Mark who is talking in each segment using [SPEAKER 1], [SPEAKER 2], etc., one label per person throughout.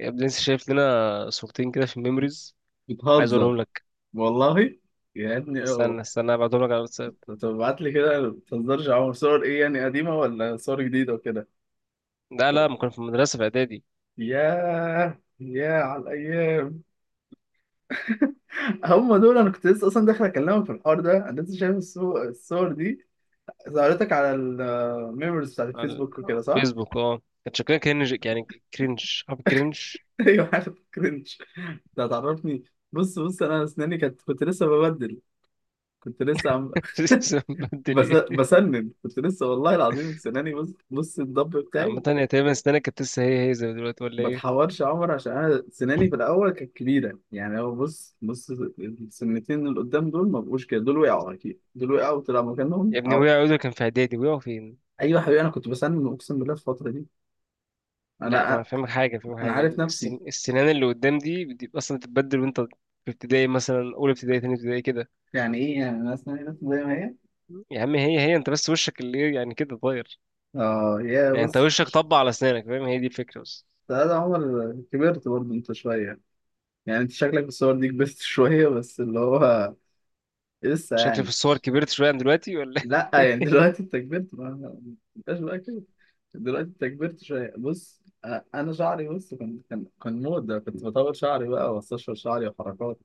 [SPEAKER 1] يا ابني لسه شايف لنا صورتين كده في الميموريز. عايز اوريهم
[SPEAKER 2] بتهزر.
[SPEAKER 1] لك.
[SPEAKER 2] والله يا ابني اه.
[SPEAKER 1] استنى ابعتهم لك على الواتساب.
[SPEAKER 2] طب ابعت لي كده، ما بتهزرش يا عمر. صور ايه يعني، قديمه ولا صور جديده وكده؟
[SPEAKER 1] لا لا،
[SPEAKER 2] طب-
[SPEAKER 1] ما كنا في المدرسه في اعدادي.
[SPEAKER 2] ياه ياه على الايام. هم دول. انا كنت لسه اصلا داخل اكلمك في الحوار ده، انا لسه شايف الصور دي. ظهرتك على الميموريز بتاعت
[SPEAKER 1] على
[SPEAKER 2] الفيسبوك وكده، صح؟
[SPEAKER 1] الفيسبوك، اه كان شكلها كرنج، يعني كرنج. عارف كرنج؟
[SPEAKER 2] ايوه، حاجه كرنج. ده هتعرفني. بص انا اسناني كانت، كنت لسه ببدل. كنت لسه عم.
[SPEAKER 1] لسه مبدل ايه؟
[SPEAKER 2] بسنن كنت لسه والله العظيم. سناني بص الضب
[SPEAKER 1] عامة
[SPEAKER 2] بتاعي.
[SPEAKER 1] هي تقريبا السنة كانت لسه هي هي زي دلوقتي ولا ايه؟
[SPEAKER 2] بتحورش يا عمر، عشان انا سناني في الاول كانت كبيره يعني. هو بص السنتين اللي قدام دول ما بقوش كده. دول وقعوا اكيد، دول وقعوا وطلع مكانهم،
[SPEAKER 1] يا ابني وقع،
[SPEAKER 2] او
[SPEAKER 1] عودة كان في اعدادي، وقعوا فين؟
[SPEAKER 2] ايوه يا حبيبي. انا كنت بسنن اقسم بالله في الفتره دي.
[SPEAKER 1] لا ما انا
[SPEAKER 2] انا
[SPEAKER 1] فاهمك حاجة، فاهمك
[SPEAKER 2] انا
[SPEAKER 1] حاجة.
[SPEAKER 2] عارف نفسي.
[SPEAKER 1] السنان اللي قدام دي بتبقى اصلا بتتبدل وانت في ابتدائي، مثلا اولى ابتدائي تاني ابتدائي كده.
[SPEAKER 2] يعني ايه يعني؟ انا سناني بس زي ما هي.
[SPEAKER 1] يا عم هي هي، انت بس وشك اللي إيه، يعني كده اتغير.
[SPEAKER 2] اه يا
[SPEAKER 1] يعني انت
[SPEAKER 2] بص.
[SPEAKER 1] وشك طبع على اسنانك، فاهم؟ هي دي الفكره بس.
[SPEAKER 2] ده عمر، كبرت برضه انت شويه. يعني انت شكلك بالصور دي كبرت شويه بس، اللي هو لسه
[SPEAKER 1] شكلي في
[SPEAKER 2] يعني.
[SPEAKER 1] الصور كبرت شويه عن دلوقتي ولا إيه؟
[SPEAKER 2] لا، يعني دلوقتي انت كبرت. ما ما انتش بقى كده. دلوقتي انت كبرت شويه. بص انا شعري، بص، كان موضه. كنت بطول شعري بقى، واستشفى شعري، وحركات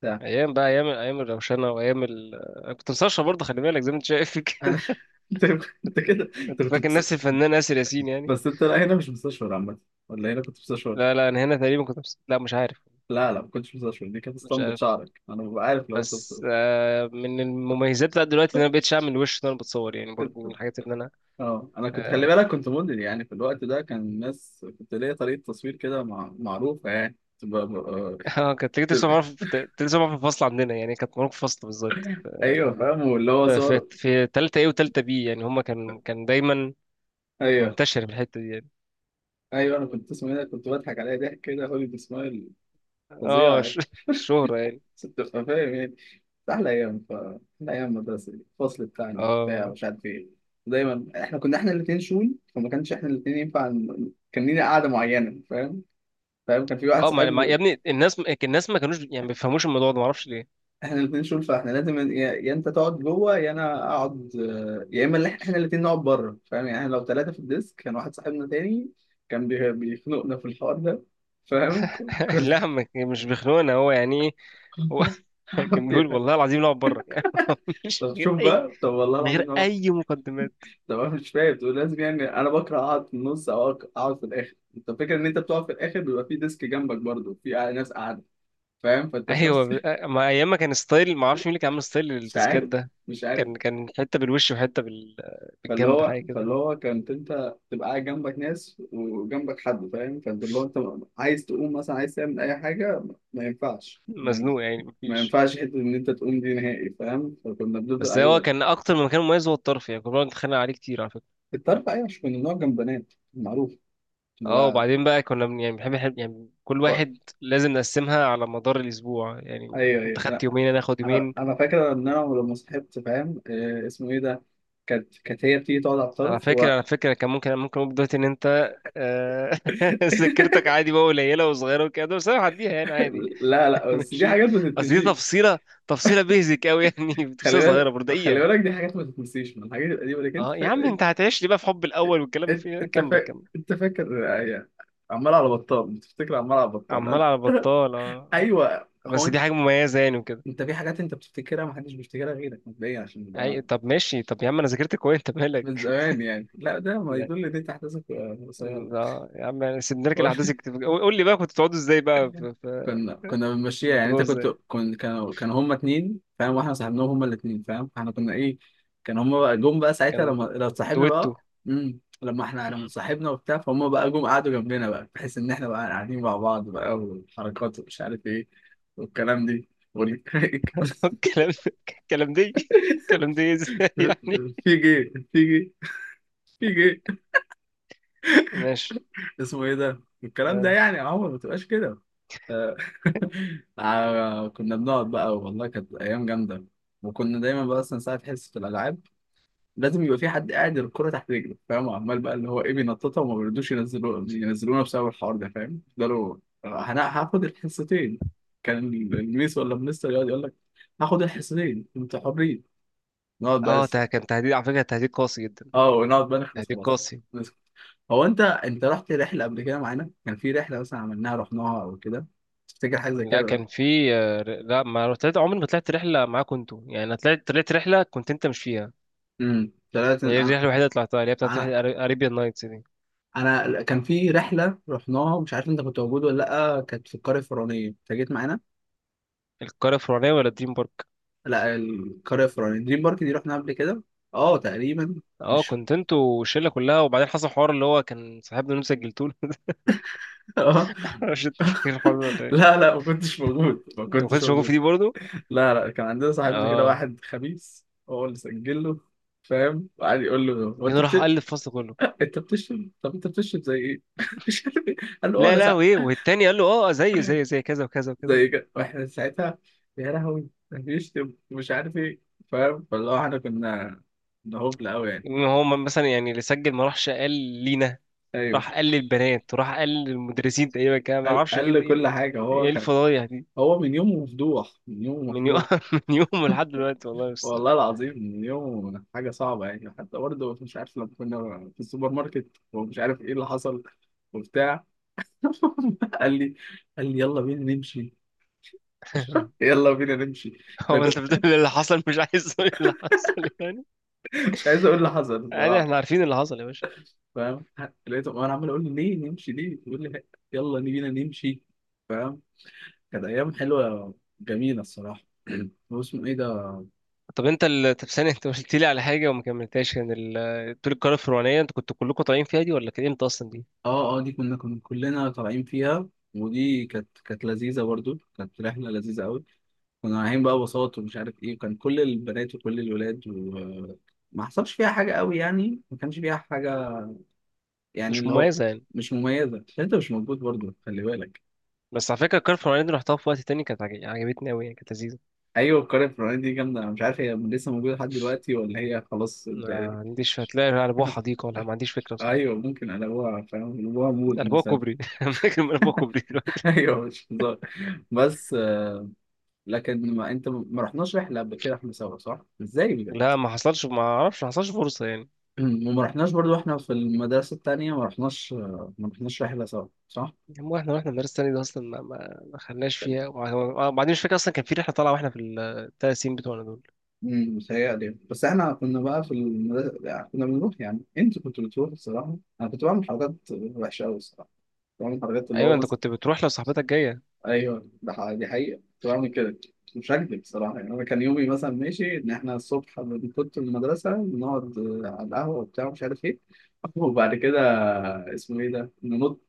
[SPEAKER 2] بتاع.
[SPEAKER 1] ايام بقى، ايام، ايام الروشنه وايام انا كنت مسرشه برضه، خلي بالك، زي ما انت شايف كده.
[SPEAKER 2] انا. انت انت كده، انت
[SPEAKER 1] كنت فاكر نفسي الفنان اسر ياسين يعني.
[SPEAKER 2] بس انت لا هنا مش مستشفر عامه، ولا هنا كنت مستشفر.
[SPEAKER 1] لا لا انا هنا تقريبا لا مش عارف.
[SPEAKER 2] لا لا، ما كنتش مستشفر. دي كانت
[SPEAKER 1] مش
[SPEAKER 2] اسطمبة
[SPEAKER 1] عارف.
[SPEAKER 2] شعرك، انا ببقى عارف لو انت مستشفر.
[SPEAKER 1] بس آه، من المميزات بتاعت دلوقتي ان انا مبقتش اعمل وش ان انا بتصور، يعني برضه من الحاجات ان انا
[SPEAKER 2] اه، انا كنت، خلي
[SPEAKER 1] اه.
[SPEAKER 2] بالك، كنت موديل يعني في الوقت ده. كان الناس، كنت ليا طريقه تصوير كده معروفه يعني. كنت ب-
[SPEAKER 1] آه، كانت تيجي
[SPEAKER 2] ب-
[SPEAKER 1] تسمع معانا في، كانت تيجي تسمع معانا في الفصل عندنا، يعني كانت معانا في الفصل بالظبط.
[SPEAKER 2] ايوه، فاهم واللي هو
[SPEAKER 1] في
[SPEAKER 2] صارت.
[SPEAKER 1] تالتة ايه وتالتة بي، يعني هما كان دايما
[SPEAKER 2] ايوه
[SPEAKER 1] منتشر في الحتة دي يعني.
[SPEAKER 2] ايوه انا كنت، اسمه ايه ده؟ كنت بضحك عليها ضحك كده، هوليد سمايل
[SPEAKER 1] اه
[SPEAKER 2] فظيع يعني.
[SPEAKER 1] الشهرة يعني.
[SPEAKER 2] ست، فاهم يعني. احلى ايام، احلى ايام مدرسه دي. الفصل بتاعنا
[SPEAKER 1] اه
[SPEAKER 2] وبتاع
[SPEAKER 1] والله.
[SPEAKER 2] ومش عارف ايه. دايما احنا كنا، احنا الاثنين شول، فما كانش احنا الاثنين ينفع كان لينا قعده معينه، فاهم. فاهم. كان في واحد
[SPEAKER 1] اه
[SPEAKER 2] صاحبنا،
[SPEAKER 1] يا ابني، الناس، الناس ما كانوش، يعني ما بيفهموش الموضوع ده، ما اعرفش ليه.
[SPEAKER 2] احنا الاثنين شول، فاحنا لازم يا انت تقعد جوه، يا انا اقعد، يا اما اللي احنا الاثنين نقعد بره، فاهم يعني. احنا لو ثلاثه في الديسك، كان واحد صاحبنا تاني كان بيخنقنا في الحوار ده، فاهم. كنا
[SPEAKER 1] لا ما كان- مش بيخنقنا، هو يعني ايه؟ هو كان بيقول والله العظيم نقعد بره، يعني مش
[SPEAKER 2] طب
[SPEAKER 1] من غير
[SPEAKER 2] شوف
[SPEAKER 1] اي،
[SPEAKER 2] بقى، طب والله
[SPEAKER 1] من
[SPEAKER 2] العظيم
[SPEAKER 1] غير
[SPEAKER 2] أهو.
[SPEAKER 1] اي مقدمات.
[SPEAKER 2] طب انا مش فاهم، تقول لازم يعني انا بكره اقعد في النص او اقعد في الاخر. انت فكرة ان انت بتقعد في الاخر بيبقى في ديسك جنبك برضه في ناس قاعده، فاهم. فانت في
[SPEAKER 1] ايوه
[SPEAKER 2] نفس.
[SPEAKER 1] ما ايام ما كان ستايل، ما اعرفش مين اللي كان عامل ستايل
[SPEAKER 2] مش
[SPEAKER 1] التسكات
[SPEAKER 2] عارف.
[SPEAKER 1] ده.
[SPEAKER 2] مش عارف.
[SPEAKER 1] كان حته بالوش وحته
[SPEAKER 2] فاللي
[SPEAKER 1] بالجنب،
[SPEAKER 2] هو
[SPEAKER 1] حاجه
[SPEAKER 2] فاللي
[SPEAKER 1] كده.
[SPEAKER 2] هو كنت انت تبقى قاعد جنبك ناس وجنبك حد، فاهم. فانت اللي هو انت عايز تقوم مثلا، عايز تعمل اي حاجه، ما ينفعش يعني.
[SPEAKER 1] مزنوق يعني،
[SPEAKER 2] ما
[SPEAKER 1] مفيش.
[SPEAKER 2] ينفعش حته ان انت تقوم دي نهائي، فاهم. فكنا بنفضل.
[SPEAKER 1] بس هو
[SPEAKER 2] ايوه،
[SPEAKER 1] كان اكتر من مكان مميز، هو الطرف يعني، كنا بنقعد نتخانق عليه كتير على فكره.
[SPEAKER 2] كنت عارف. ايوه، مش كنا بنقعد جنب بنات معروف. كنا
[SPEAKER 1] اه
[SPEAKER 2] بقى
[SPEAKER 1] وبعدين بقى يعني يعني كل واحد
[SPEAKER 2] ف-
[SPEAKER 1] لازم نقسمها على مدار الاسبوع يعني.
[SPEAKER 2] ايوه
[SPEAKER 1] انت
[SPEAKER 2] ايوه
[SPEAKER 1] خدت
[SPEAKER 2] انا.
[SPEAKER 1] يومين انا اخد
[SPEAKER 2] انا
[SPEAKER 1] يومين.
[SPEAKER 2] انا فاكر ان انا لما صحبت، فاهم، آه، اسمه ايه ده، كانت، كانت هي بتيجي تقعد على
[SPEAKER 1] على
[SPEAKER 2] الطرف.
[SPEAKER 1] فكره، على فكره كان ممكن اقول دلوقتي ان انت آه، ذاكرتك عادي بقى قليله وصغيره وكده، بس انا هعديها يعني عادي.
[SPEAKER 2] لا لا، بس دي
[SPEAKER 1] ماشي.
[SPEAKER 2] حاجات ما
[SPEAKER 1] اصل دي
[SPEAKER 2] تتنسيش.
[SPEAKER 1] تفصيله، تفصيله بيزك قوي يعني،
[SPEAKER 2] خلي
[SPEAKER 1] تفصيله صغيره
[SPEAKER 2] بالك
[SPEAKER 1] برضه
[SPEAKER 2] خلي
[SPEAKER 1] دقيقه.
[SPEAKER 2] بالك دي حاجات ما تتنسيش من الحاجات القديمه، لكن انت
[SPEAKER 1] اه يا عم،
[SPEAKER 2] فاكر.
[SPEAKER 1] انت هتعيش لي بقى في حب الاول والكلام اللي فيه
[SPEAKER 2] انت
[SPEAKER 1] ده.
[SPEAKER 2] انت
[SPEAKER 1] كمل
[SPEAKER 2] فاكر
[SPEAKER 1] كمل.
[SPEAKER 2] انت فاكر. أي- عمال على بطال بتفتكر، عمال على بطال.
[SPEAKER 1] عمال
[SPEAKER 2] انا
[SPEAKER 1] على بطال، اه.
[SPEAKER 2] ايوه هو
[SPEAKER 1] بس
[SPEAKER 2] انت.
[SPEAKER 1] دي حاجه مميزه يعني وكده.
[SPEAKER 2] انت في حاجات انت بتفتكرها ما حدش بيفتكرها غيرك مبدئيا، عشان
[SPEAKER 1] أي-
[SPEAKER 2] نبقى
[SPEAKER 1] طب ماشي، طب يا عم انا ذاكرت كويس، انت
[SPEAKER 2] من
[SPEAKER 1] مالك؟
[SPEAKER 2] زمان يعني. لا، ده ما يدل ان انت احداثك قصيره.
[SPEAKER 1] لا يا عم، يعني نركن
[SPEAKER 2] هو
[SPEAKER 1] الاحداث الكتير. قول، قول لي بقى كنتوا بتقعدوا ازاي بقى في
[SPEAKER 2] كنا، كنا بنمشيها يعني.
[SPEAKER 1] ظبطوها
[SPEAKER 2] انت كنت،
[SPEAKER 1] ازاي؟
[SPEAKER 2] كانوا هما اتنين، فاهم، واحنا صاحبناهم هما الاتنين، فاهم. احنا كنا ايه، كان هما بقى جم بقى ساعتها لما
[SPEAKER 1] كان
[SPEAKER 2] لو صاحبنا
[SPEAKER 1] دويتو.
[SPEAKER 2] بقى. لما احنا لما
[SPEAKER 1] مم.
[SPEAKER 2] صاحبنا وبتاع فهم بقى جم قعدوا جنبنا بقى، بحيث ان احنا بقى قاعدين مع بعض بقى، والحركات ومش عارف ايه والكلام دي
[SPEAKER 1] الكلام، الكلام دي، الكلام دي ازاي يعني؟
[SPEAKER 2] في جي في جي في جي
[SPEAKER 1] ماشي.
[SPEAKER 2] اسمه ايه ده الكلام ده
[SPEAKER 1] اه،
[SPEAKER 2] يعني، يا عمر ما تبقاش كده. آه. آه، كنا بنقعد بقى، والله كانت ايام جامده. وكنا دايما بقى اصلا ساعه حصه الالعاب لازم يبقى في حد قاعد الكرة تحت رجله، فاهم. عمال بقى اللي هو ايه بينططها، وما بيردوش ينزلوا، ينزلونا بسبب الحوار ده، فاهم. يفضلوا، انا هاخد الحصتين. كان الميس ولا المستر يقعد يقول لك، هاخد الحصتين انتوا حرين. نقعد بقى
[SPEAKER 1] آه،
[SPEAKER 2] لسه،
[SPEAKER 1] ده كان تهديد على فكره، تهديد قاسي جدا.
[SPEAKER 2] اه، ونقعد بقى نخلص،
[SPEAKER 1] تهديد
[SPEAKER 2] خلاص
[SPEAKER 1] قاسي.
[SPEAKER 2] نسكت. هو انت، انت رحت رحلة قبل كده معانا؟ كان في رحلة مثلا عملناها رحناها او كده، تفتكر حاجة زي
[SPEAKER 1] لا
[SPEAKER 2] كده؟
[SPEAKER 1] كان في، آه، لا ما طلعت، عمري ما طلعت رحله معاكم انتوا يعني، انا طلعت رحله كنت انت مش فيها.
[SPEAKER 2] ثلاثة
[SPEAKER 1] هي دي
[SPEAKER 2] انا.
[SPEAKER 1] الرحله الوحيده اللي طلعتها، اللي هي بتاعت
[SPEAKER 2] انا
[SPEAKER 1] اريبيان نايتس دي.
[SPEAKER 2] انا كان في رحلة رحناها مش عارف انت كنت موجود ولا لا، كانت في القرية الفرعونية، انت جيت معانا.
[SPEAKER 1] القريه الفرعونيه ولا دريم بارك؟
[SPEAKER 2] لا، القرية الفرعونية. دريم بارك دي رحنا قبل كده. اه تقريبا.
[SPEAKER 1] اه
[SPEAKER 2] مش
[SPEAKER 1] كنت انتوا والشله كلها، وبعدين حصل حوار اللي هو كان صاحبنا اللي انتوا سجلتوه.
[SPEAKER 2] اه.
[SPEAKER 1] مش انت فاكر الحوار ده ولا ايه؟
[SPEAKER 2] لا لا، ما كنتش موجود، ما
[SPEAKER 1] انت ما
[SPEAKER 2] كنتش
[SPEAKER 1] كنتش موجود في
[SPEAKER 2] موجود.
[SPEAKER 1] دي برضه.
[SPEAKER 2] لا لا، كان عندنا صاحبنا كده
[SPEAKER 1] اه،
[SPEAKER 2] واحد خبيث، هو اللي سجل له، فاهم، وقعد يقول له، هو انت
[SPEAKER 1] جنو راح
[SPEAKER 2] بت...
[SPEAKER 1] قال الفصل كله.
[SPEAKER 2] انت بتشرب؟ طب انت بتشرب زي ايه؟ مش عارف ايه. قال له اه
[SPEAKER 1] لا
[SPEAKER 2] انا
[SPEAKER 1] لا،
[SPEAKER 2] ساعات
[SPEAKER 1] وايه والتاني قال له اه زيه زيه زي كذا وكذا وكذا.
[SPEAKER 2] زي كده. واحنا ساعتها، يا لهوي، ده بيشتم ومش عارف ايه، فاهم. فاللي هو احنا كنا، كنا هبل قوي يعني.
[SPEAKER 1] إن هو مثلا يعني اللي سجل ما راحش قال لينا،
[SPEAKER 2] ايوه،
[SPEAKER 1] راح قال للبنات وراح قال للمدرسين تقريبا، كده ما
[SPEAKER 2] قال
[SPEAKER 1] اعرفش ايه
[SPEAKER 2] قال له
[SPEAKER 1] ايه.
[SPEAKER 2] كل حاجه. هو
[SPEAKER 1] إيه
[SPEAKER 2] كان،
[SPEAKER 1] الفضايح دي!
[SPEAKER 2] هو من يومه مفضوح، من يومه
[SPEAKER 1] من يوم
[SPEAKER 2] مفضوح.
[SPEAKER 1] من يوم لحد دلوقتي والله بس.
[SPEAKER 2] والله العظيم من يومه حاجة صعبة يعني. حتى برضه مش عارف لما كنا في السوبر ماركت ومش عارف ايه اللي حصل وبتاع، قال لي قال لي يلا بينا نمشي. يلا بينا نمشي. أنا
[SPEAKER 1] هو انت بتقول
[SPEAKER 2] كنت-
[SPEAKER 1] إيه اللي حصل؟ مش عايز تقول إيه اللي حصل يعني؟
[SPEAKER 2] مش عايز اقول اللي حصل
[SPEAKER 1] يعني
[SPEAKER 2] بصراحة،
[SPEAKER 1] احنا عارفين اللي حصل يا باشا.
[SPEAKER 2] فاهم. لقيته انا عمال اقول له ليه نمشي، ليه، بيقول لي يلا بينا نمشي، فاهم. كانت ايام حلوة، جميلة الصراحة. واسمه ايه ده،
[SPEAKER 1] طب انت طب ثانية، انت قلت لي على حاجة وما كملتهاش، كان طول القارة الفرعونية انت كنتوا كلكم طالعين فيها دي، ولا كانت امتى اصلا دي؟
[SPEAKER 2] اه دي كنا، كنا كلنا طالعين فيها. ودي كانت، كانت لذيذة برضو، كانت رحلة لذيذة قوي. كنا رايحين بقى بساط ومش عارف ايه، وكان كل البنات وكل الولاد، وما حصلش فيها حاجة قوي يعني، ما كانش فيها حاجة يعني،
[SPEAKER 1] مش
[SPEAKER 2] اللي هو
[SPEAKER 1] مميزة يعني.
[SPEAKER 2] مش مميزة عشان انت مش موجود برضو، خلي بالك.
[SPEAKER 1] بس على فكرة القارة الفرعونية دي رحتها في وقت تاني، كانت عجبتني أوي، يعني كانت لذيذة.
[SPEAKER 2] ايوه، القرية الفلانية دي جامدة. انا مش عارف هي لسه موجودة لحد دلوقتي ولا هي خلاص؟
[SPEAKER 1] ما
[SPEAKER 2] انت
[SPEAKER 1] عنديش، هتلاقي قلبوها حديقة، ولا ما عنديش فكرة بصراحة.
[SPEAKER 2] ايوه ممكن قلبوها، فاهم، قلبوها مود
[SPEAKER 1] قلبوها
[SPEAKER 2] مثلا.
[SPEAKER 1] كوبري فاكر من قلبوها كوبري دلوقتي؟
[SPEAKER 2] ايوه مش هزار، بس لكن ما انت، ما رحناش رحله قبل كده احنا سوا صح؟ ازاي بجد؟
[SPEAKER 1] لا ما حصلش، ما اعرفش، ما حصلش فرصة يعني.
[SPEAKER 2] وما رحناش برضو احنا في المدرسه التانيه، ما رحناش، ما رحناش رحله سوا صح؟
[SPEAKER 1] هو احنا واحنا المدرسة التانية دي اصلا ما خلناش فيها، وبعدين مش فاكر اصلا كان في رحلة طالعة واحنا في الثلاث سنين بتوعنا دول.
[SPEAKER 2] متهيألي. بس احنا كنا بقى في المدرسة يعني، كنا بنروح يعني، انت كنت بتروح الصراحة. انا كنت بعمل حركات وحشة أوي الصراحة، كنت بعمل حركات اللي
[SPEAKER 1] ايوه
[SPEAKER 2] هو
[SPEAKER 1] انت
[SPEAKER 2] مثلا.
[SPEAKER 1] كنت بتروح لو صاحبتك جاية.
[SPEAKER 2] ايوه ده دي حقيقة، كنت بعمل كده، مش هكدب الصراحة يعني. انا كان يومي مثلا ماشي ان احنا الصبح كنت في المدرسة بنقعد، آه، على القهوة وبتاع مش عارف ايه، وبعد كده اسمه ايه ده، ننط،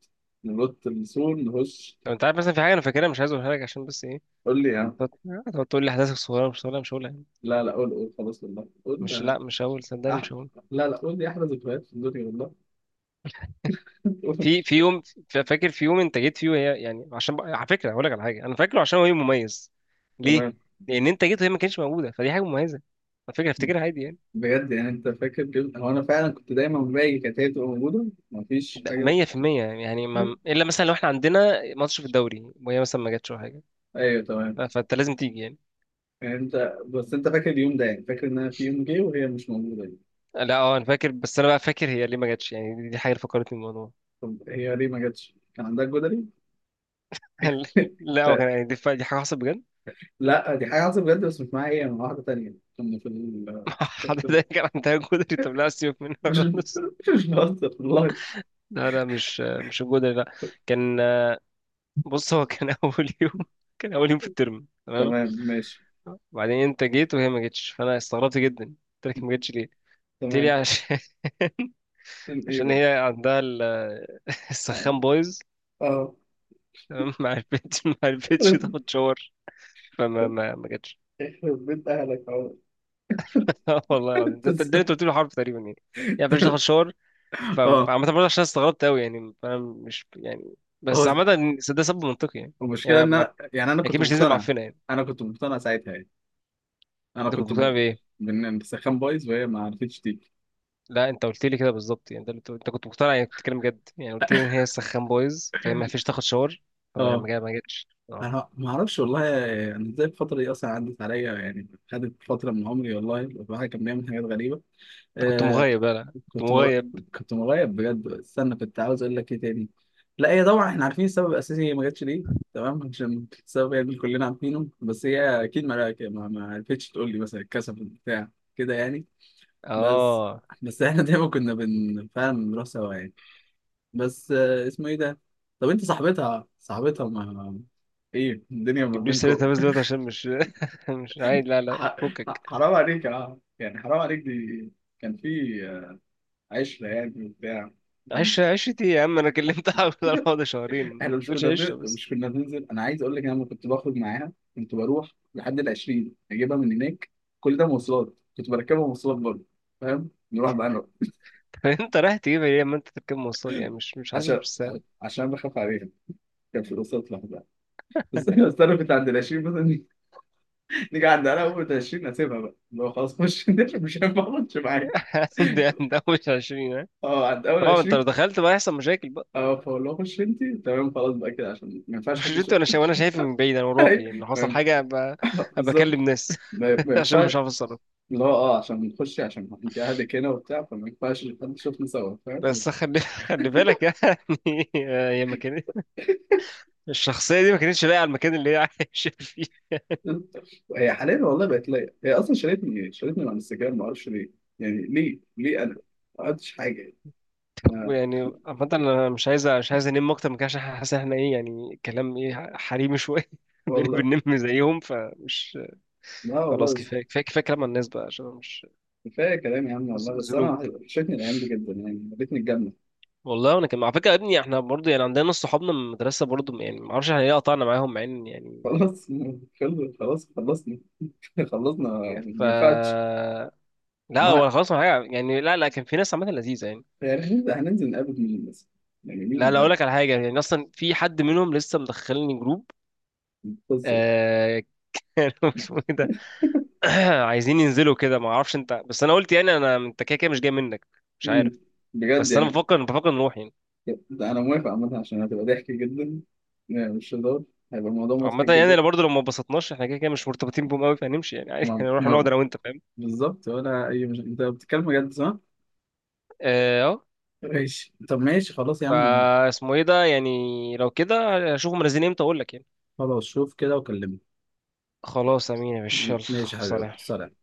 [SPEAKER 2] ننط من السور نخش.
[SPEAKER 1] لو انت عارف مثلا في حاجة انا فاكرها، مش عايز اقولها لك عشان بس إيه،
[SPEAKER 2] قول لي يا عم.
[SPEAKER 1] هتقعد تقول لي احداثك صغيره، مش صغيره، مش هقولها يعني.
[SPEAKER 2] لا لا، قول خلاص والله
[SPEAKER 1] مش،
[SPEAKER 2] قول.
[SPEAKER 1] لا مش هقول، صدقني
[SPEAKER 2] أح...
[SPEAKER 1] مش هقول.
[SPEAKER 2] لا لا، قول لي احلى ذكريات في الدنيا والله. قول.
[SPEAKER 1] في يوم، فاكر في يوم انت جيت فيه وهي، يعني عشان بقى، على فكره هقول لك على حاجه انا فاكره، عشان هو يوم مميز. ليه؟
[SPEAKER 2] تمام.
[SPEAKER 1] لان انت جيت وهي ما كانتش موجوده، فدي حاجه مميزه. على فكره افتكرها عادي يعني.
[SPEAKER 2] بجد يعني انت فاكر كده؟ هو انا فعلا كنت دايما باجي، كانت هي بتبقى موجوده مفيش
[SPEAKER 1] ده
[SPEAKER 2] حاجه.
[SPEAKER 1] 100% يعني ما... الا مثلا لو احنا عندنا ماتش في الدوري وهي مثلا ما جاتش ولا حاجه.
[SPEAKER 2] ايوه تمام.
[SPEAKER 1] فانت لازم تيجي يعني.
[SPEAKER 2] يعني انت بس، انت فاكر اليوم ده يعني؟ فاكر ان انا في يوم جه وهي مش موجوده دي؟
[SPEAKER 1] لا اه انا فاكر، بس انا بقى فاكر هي ليه ما جاتش، يعني دي حاجه اللي فكرتني بالموضوع.
[SPEAKER 2] طب هي ليه ما جاتش؟ كان عندها جدري؟
[SPEAKER 1] لا هو كان يعني دي حاجه حصلت.
[SPEAKER 2] لا دي حاجه حصلت بجد، بس مش معايا، هي مع واحده تانيه كنا في
[SPEAKER 1] حد ده كان عندها جدري، طب لا سيبك منها
[SPEAKER 2] مش
[SPEAKER 1] خالص.
[SPEAKER 2] مش بهزر والله.
[SPEAKER 1] لا لا مش، مش الجدري، لا. كان، بص هو كان اول يوم، كان اول يوم في الترم تمام.
[SPEAKER 2] تمام ماشي.
[SPEAKER 1] وبعدين انت جيت وهي ما جتش، فانا استغربت جدا قلت لك ما جتش ليه؟ قلت لي
[SPEAKER 2] تمام.
[SPEAKER 1] عشان،
[SPEAKER 2] عشان ايه
[SPEAKER 1] عشان
[SPEAKER 2] بقى
[SPEAKER 1] هي عندها
[SPEAKER 2] يعني؟
[SPEAKER 1] السخان بايظ.
[SPEAKER 2] اه.
[SPEAKER 1] تمام، ما عرفتش، ما عرفتش
[SPEAKER 2] يخرب،
[SPEAKER 1] تاخد شاور، فما ما ما جتش.
[SPEAKER 2] يخرب بيت اهلك اهو.
[SPEAKER 1] والله العظيم ده، ده اللي انت قلت له حرف تقريبا يعني، يعني ما عرفتش تاخد شاور.
[SPEAKER 2] اه.
[SPEAKER 1] فعامة برضه، عشان استغربت أوي يعني، أنا مش يعني، بس
[SPEAKER 2] هو
[SPEAKER 1] عامة ده سبب منطقي يعني،
[SPEAKER 2] المشكله
[SPEAKER 1] يعني
[SPEAKER 2] ان
[SPEAKER 1] ما-
[SPEAKER 2] انا يعني، انا
[SPEAKER 1] أكيد
[SPEAKER 2] كنت
[SPEAKER 1] مش هتنزل
[SPEAKER 2] مقتنع،
[SPEAKER 1] معفنة يعني.
[SPEAKER 2] انا كنت مقتنع ساعتها يعني. انا
[SPEAKER 1] أنت كنت مقتنع بإيه؟
[SPEAKER 2] بان السخان بايظ وهي ما عرفتش تيجي.
[SPEAKER 1] لا أنت قلت لي كده بالظبط، يعني ده اللي أنت، أنت كنت مقتنع يعني، كنت بتتكلم جد يعني، قلت لي إن هي سخان بايظ فهي ما فيش تاخد شاور، فما
[SPEAKER 2] اه.
[SPEAKER 1] ما جا- ما جاتش النهاردة.
[SPEAKER 2] انا ما اعرفش والله يعني ازاي الفتره دي اصلا عدت عليا يعني، خدت فتره من عمري، والله الواحد كان بيعمل حاجات غريبه.
[SPEAKER 1] أنت كنت
[SPEAKER 2] آه.
[SPEAKER 1] مغيب، لا لا كنت
[SPEAKER 2] كنت مر...
[SPEAKER 1] مغيب.
[SPEAKER 2] كنت مغيب بجد. استنى، كنت عاوز اقول لك ايه تاني. لا هي طبعا احنا عارفين السبب الاساسي هي ما جاتش ليه. تمام، عشان السبب يعني كلنا عارفينه، بس هي اكيد ما عرفتش تقول لي مثلا، الكسف بتاع كده يعني. بس.
[SPEAKER 1] آه،
[SPEAKER 2] بس احنا دايما كنا فعلا بنروح سوا يعني. بس آه، اسمه ايه ده، طب انت صاحبتها، صاحبتها ما ايه الدنيا ما
[SPEAKER 1] جيبليش سيرتها
[SPEAKER 2] بينكم؟
[SPEAKER 1] بس دلوقتي عشان مش مش عايز، لا لا
[SPEAKER 2] ح-
[SPEAKER 1] فكك.
[SPEAKER 2] حرام عليك اه، يعني حرام عليك دي. كان في، آه، عشرة يعني وبتاع.
[SPEAKER 1] عشتي يا عم؟ أنا كلمتها على الموضوع ده شهرين، ما
[SPEAKER 2] احنا
[SPEAKER 1] تقولش عشة بس.
[SPEAKER 2] مش كنا بننزل. انا عايز اقول لك، انا لما كنت بخرج معاها كنت بروح لحد ال 20 اجيبها من هناك. كل ده مواصلات، كنت بركبها مواصلات برضه، فاهم. نروح بقى انا.
[SPEAKER 1] انت رايح تجيب ايه لما انت تركب مواصلات، يعني مش حاسب
[SPEAKER 2] عشان
[SPEAKER 1] بالسعر.
[SPEAKER 2] عشان بخاف عليها، كان في الوسط لوحدها. بس بس انا كنت عند ال 20 مثلا، نيجي عند انا اول 20 اسيبها بقى اللي هو، خلاص خش، انت مش هينفع اخش معاك.
[SPEAKER 1] ده، ده مش 20 ها؟
[SPEAKER 2] اه عند اول
[SPEAKER 1] طبعا انت
[SPEAKER 2] 20.
[SPEAKER 1] لو دخلت بقى هيحصل مشاكل بقى.
[SPEAKER 2] اه، فاقول له خش انت، تمام، خلاص بقى كده عشان ما ينفعش
[SPEAKER 1] مش
[SPEAKER 2] حد
[SPEAKER 1] انت
[SPEAKER 2] يشوف.
[SPEAKER 1] وانا شايف، وانا شايف من بعيد، انا
[SPEAKER 2] أيوة،
[SPEAKER 1] وراكي ان
[SPEAKER 2] ما
[SPEAKER 1] حصل حاجه ابقى، ابقى
[SPEAKER 2] بالظبط.
[SPEAKER 1] اكلم ناس،
[SPEAKER 2] ما
[SPEAKER 1] عشان
[SPEAKER 2] ينفعش
[SPEAKER 1] مش عارف اتصرف.
[SPEAKER 2] اللي هو، اه، عشان نخش، عشان انت اهلك هنا وبتاع، فما ينفعش حد يشوفنا سوا، فاهم.
[SPEAKER 1] بس خلي خلي بالك يعني. هي مكان، الشخصيه دي ما كانتش لاقيه على المكان اللي هي عايشه فيه.
[SPEAKER 2] هي حاليا والله بقت ليا، هي اصلا شالتني، شالتني من على الانستجرام ما اعرفش ليه. يعني ليه انا ما عملتش حاجه يعني.
[SPEAKER 1] طب
[SPEAKER 2] أنا،
[SPEAKER 1] يعني عامه انا مش عايز انام اكتر من كده عشان حاسس ان احنا ايه، يعني كلام ايه حريمي شويه، بنبقى
[SPEAKER 2] والله.
[SPEAKER 1] بننم زيهم فمش.
[SPEAKER 2] لا والله.
[SPEAKER 1] خلاص،
[SPEAKER 2] بس
[SPEAKER 1] كفايه كفايه كفايه كلام عن الناس بقى عشان أنا مش،
[SPEAKER 2] كفايه كلام يا عم، والله بس انا
[SPEAKER 1] ذنوب.
[SPEAKER 2] وحشتني الايام دي جدا يعني، يا ريتني الجنه.
[SPEAKER 1] والله وانا كمان على فكره، يا ابني احنا برضه يعني عندنا ناس صحابنا من المدرسه برضه، يعني ما اعرفش احنا ليه قطعنا معاهم مع ان يعني
[SPEAKER 2] خلاص، خلاص خلصنا. خلصنا، ما
[SPEAKER 1] ف
[SPEAKER 2] ينفعش.
[SPEAKER 1] لا ولا
[SPEAKER 2] ما
[SPEAKER 1] خلاص ولا حاجه يعني، لا لا كان في ناس عامه لذيذه يعني.
[SPEAKER 2] يعني هننزل نقابل مين بس؟ يعني
[SPEAKER 1] لا
[SPEAKER 2] مين
[SPEAKER 1] لا اقول
[SPEAKER 2] يعني؟
[SPEAKER 1] لك على حاجه، يعني اصلا في حد منهم لسه مدخلني جروب.
[SPEAKER 2] القصه.
[SPEAKER 1] آه... كانوا، اسمه ايه ده، عايزين ينزلوا كده، ما اعرفش انت بس انا قلت يعني، انا انت كده كده مش جاي منك. مش
[SPEAKER 2] مم.
[SPEAKER 1] عارف.
[SPEAKER 2] بجد
[SPEAKER 1] بس انا
[SPEAKER 2] يعني؟
[SPEAKER 1] بفكر نروح يعني.
[SPEAKER 2] ده انا موافق عامه، عشان هتبقى ضحك جدا يعني، مش هزار، هيبقى الموضوع
[SPEAKER 1] عامة
[SPEAKER 2] مضحك
[SPEAKER 1] يعني
[SPEAKER 2] جدا.
[SPEAKER 1] انا برضه لو ما اتبسطناش احنا كده كده مش مرتبطين بهم قوي فهنمشي يعني عادي،
[SPEAKER 2] ما
[SPEAKER 1] هنروح نقعد
[SPEAKER 2] ما
[SPEAKER 1] انا وانت، فاهم.
[SPEAKER 2] بالظبط ولا اي. مش انت بتتكلم بجد صح؟
[SPEAKER 1] اه اه.
[SPEAKER 2] ماشي، طب ماشي خلاص يا عم يعني.
[SPEAKER 1] فاسمه ايه ده يعني، لو كده اشوفه منزلين امتى اقول لك يعني.
[SPEAKER 2] خلاص، شوف كده وكلمني.
[SPEAKER 1] خلاص امين يا باشا، يلا.
[SPEAKER 2] ماشي يا حبيبي، يلا،
[SPEAKER 1] سلام.
[SPEAKER 2] سلام.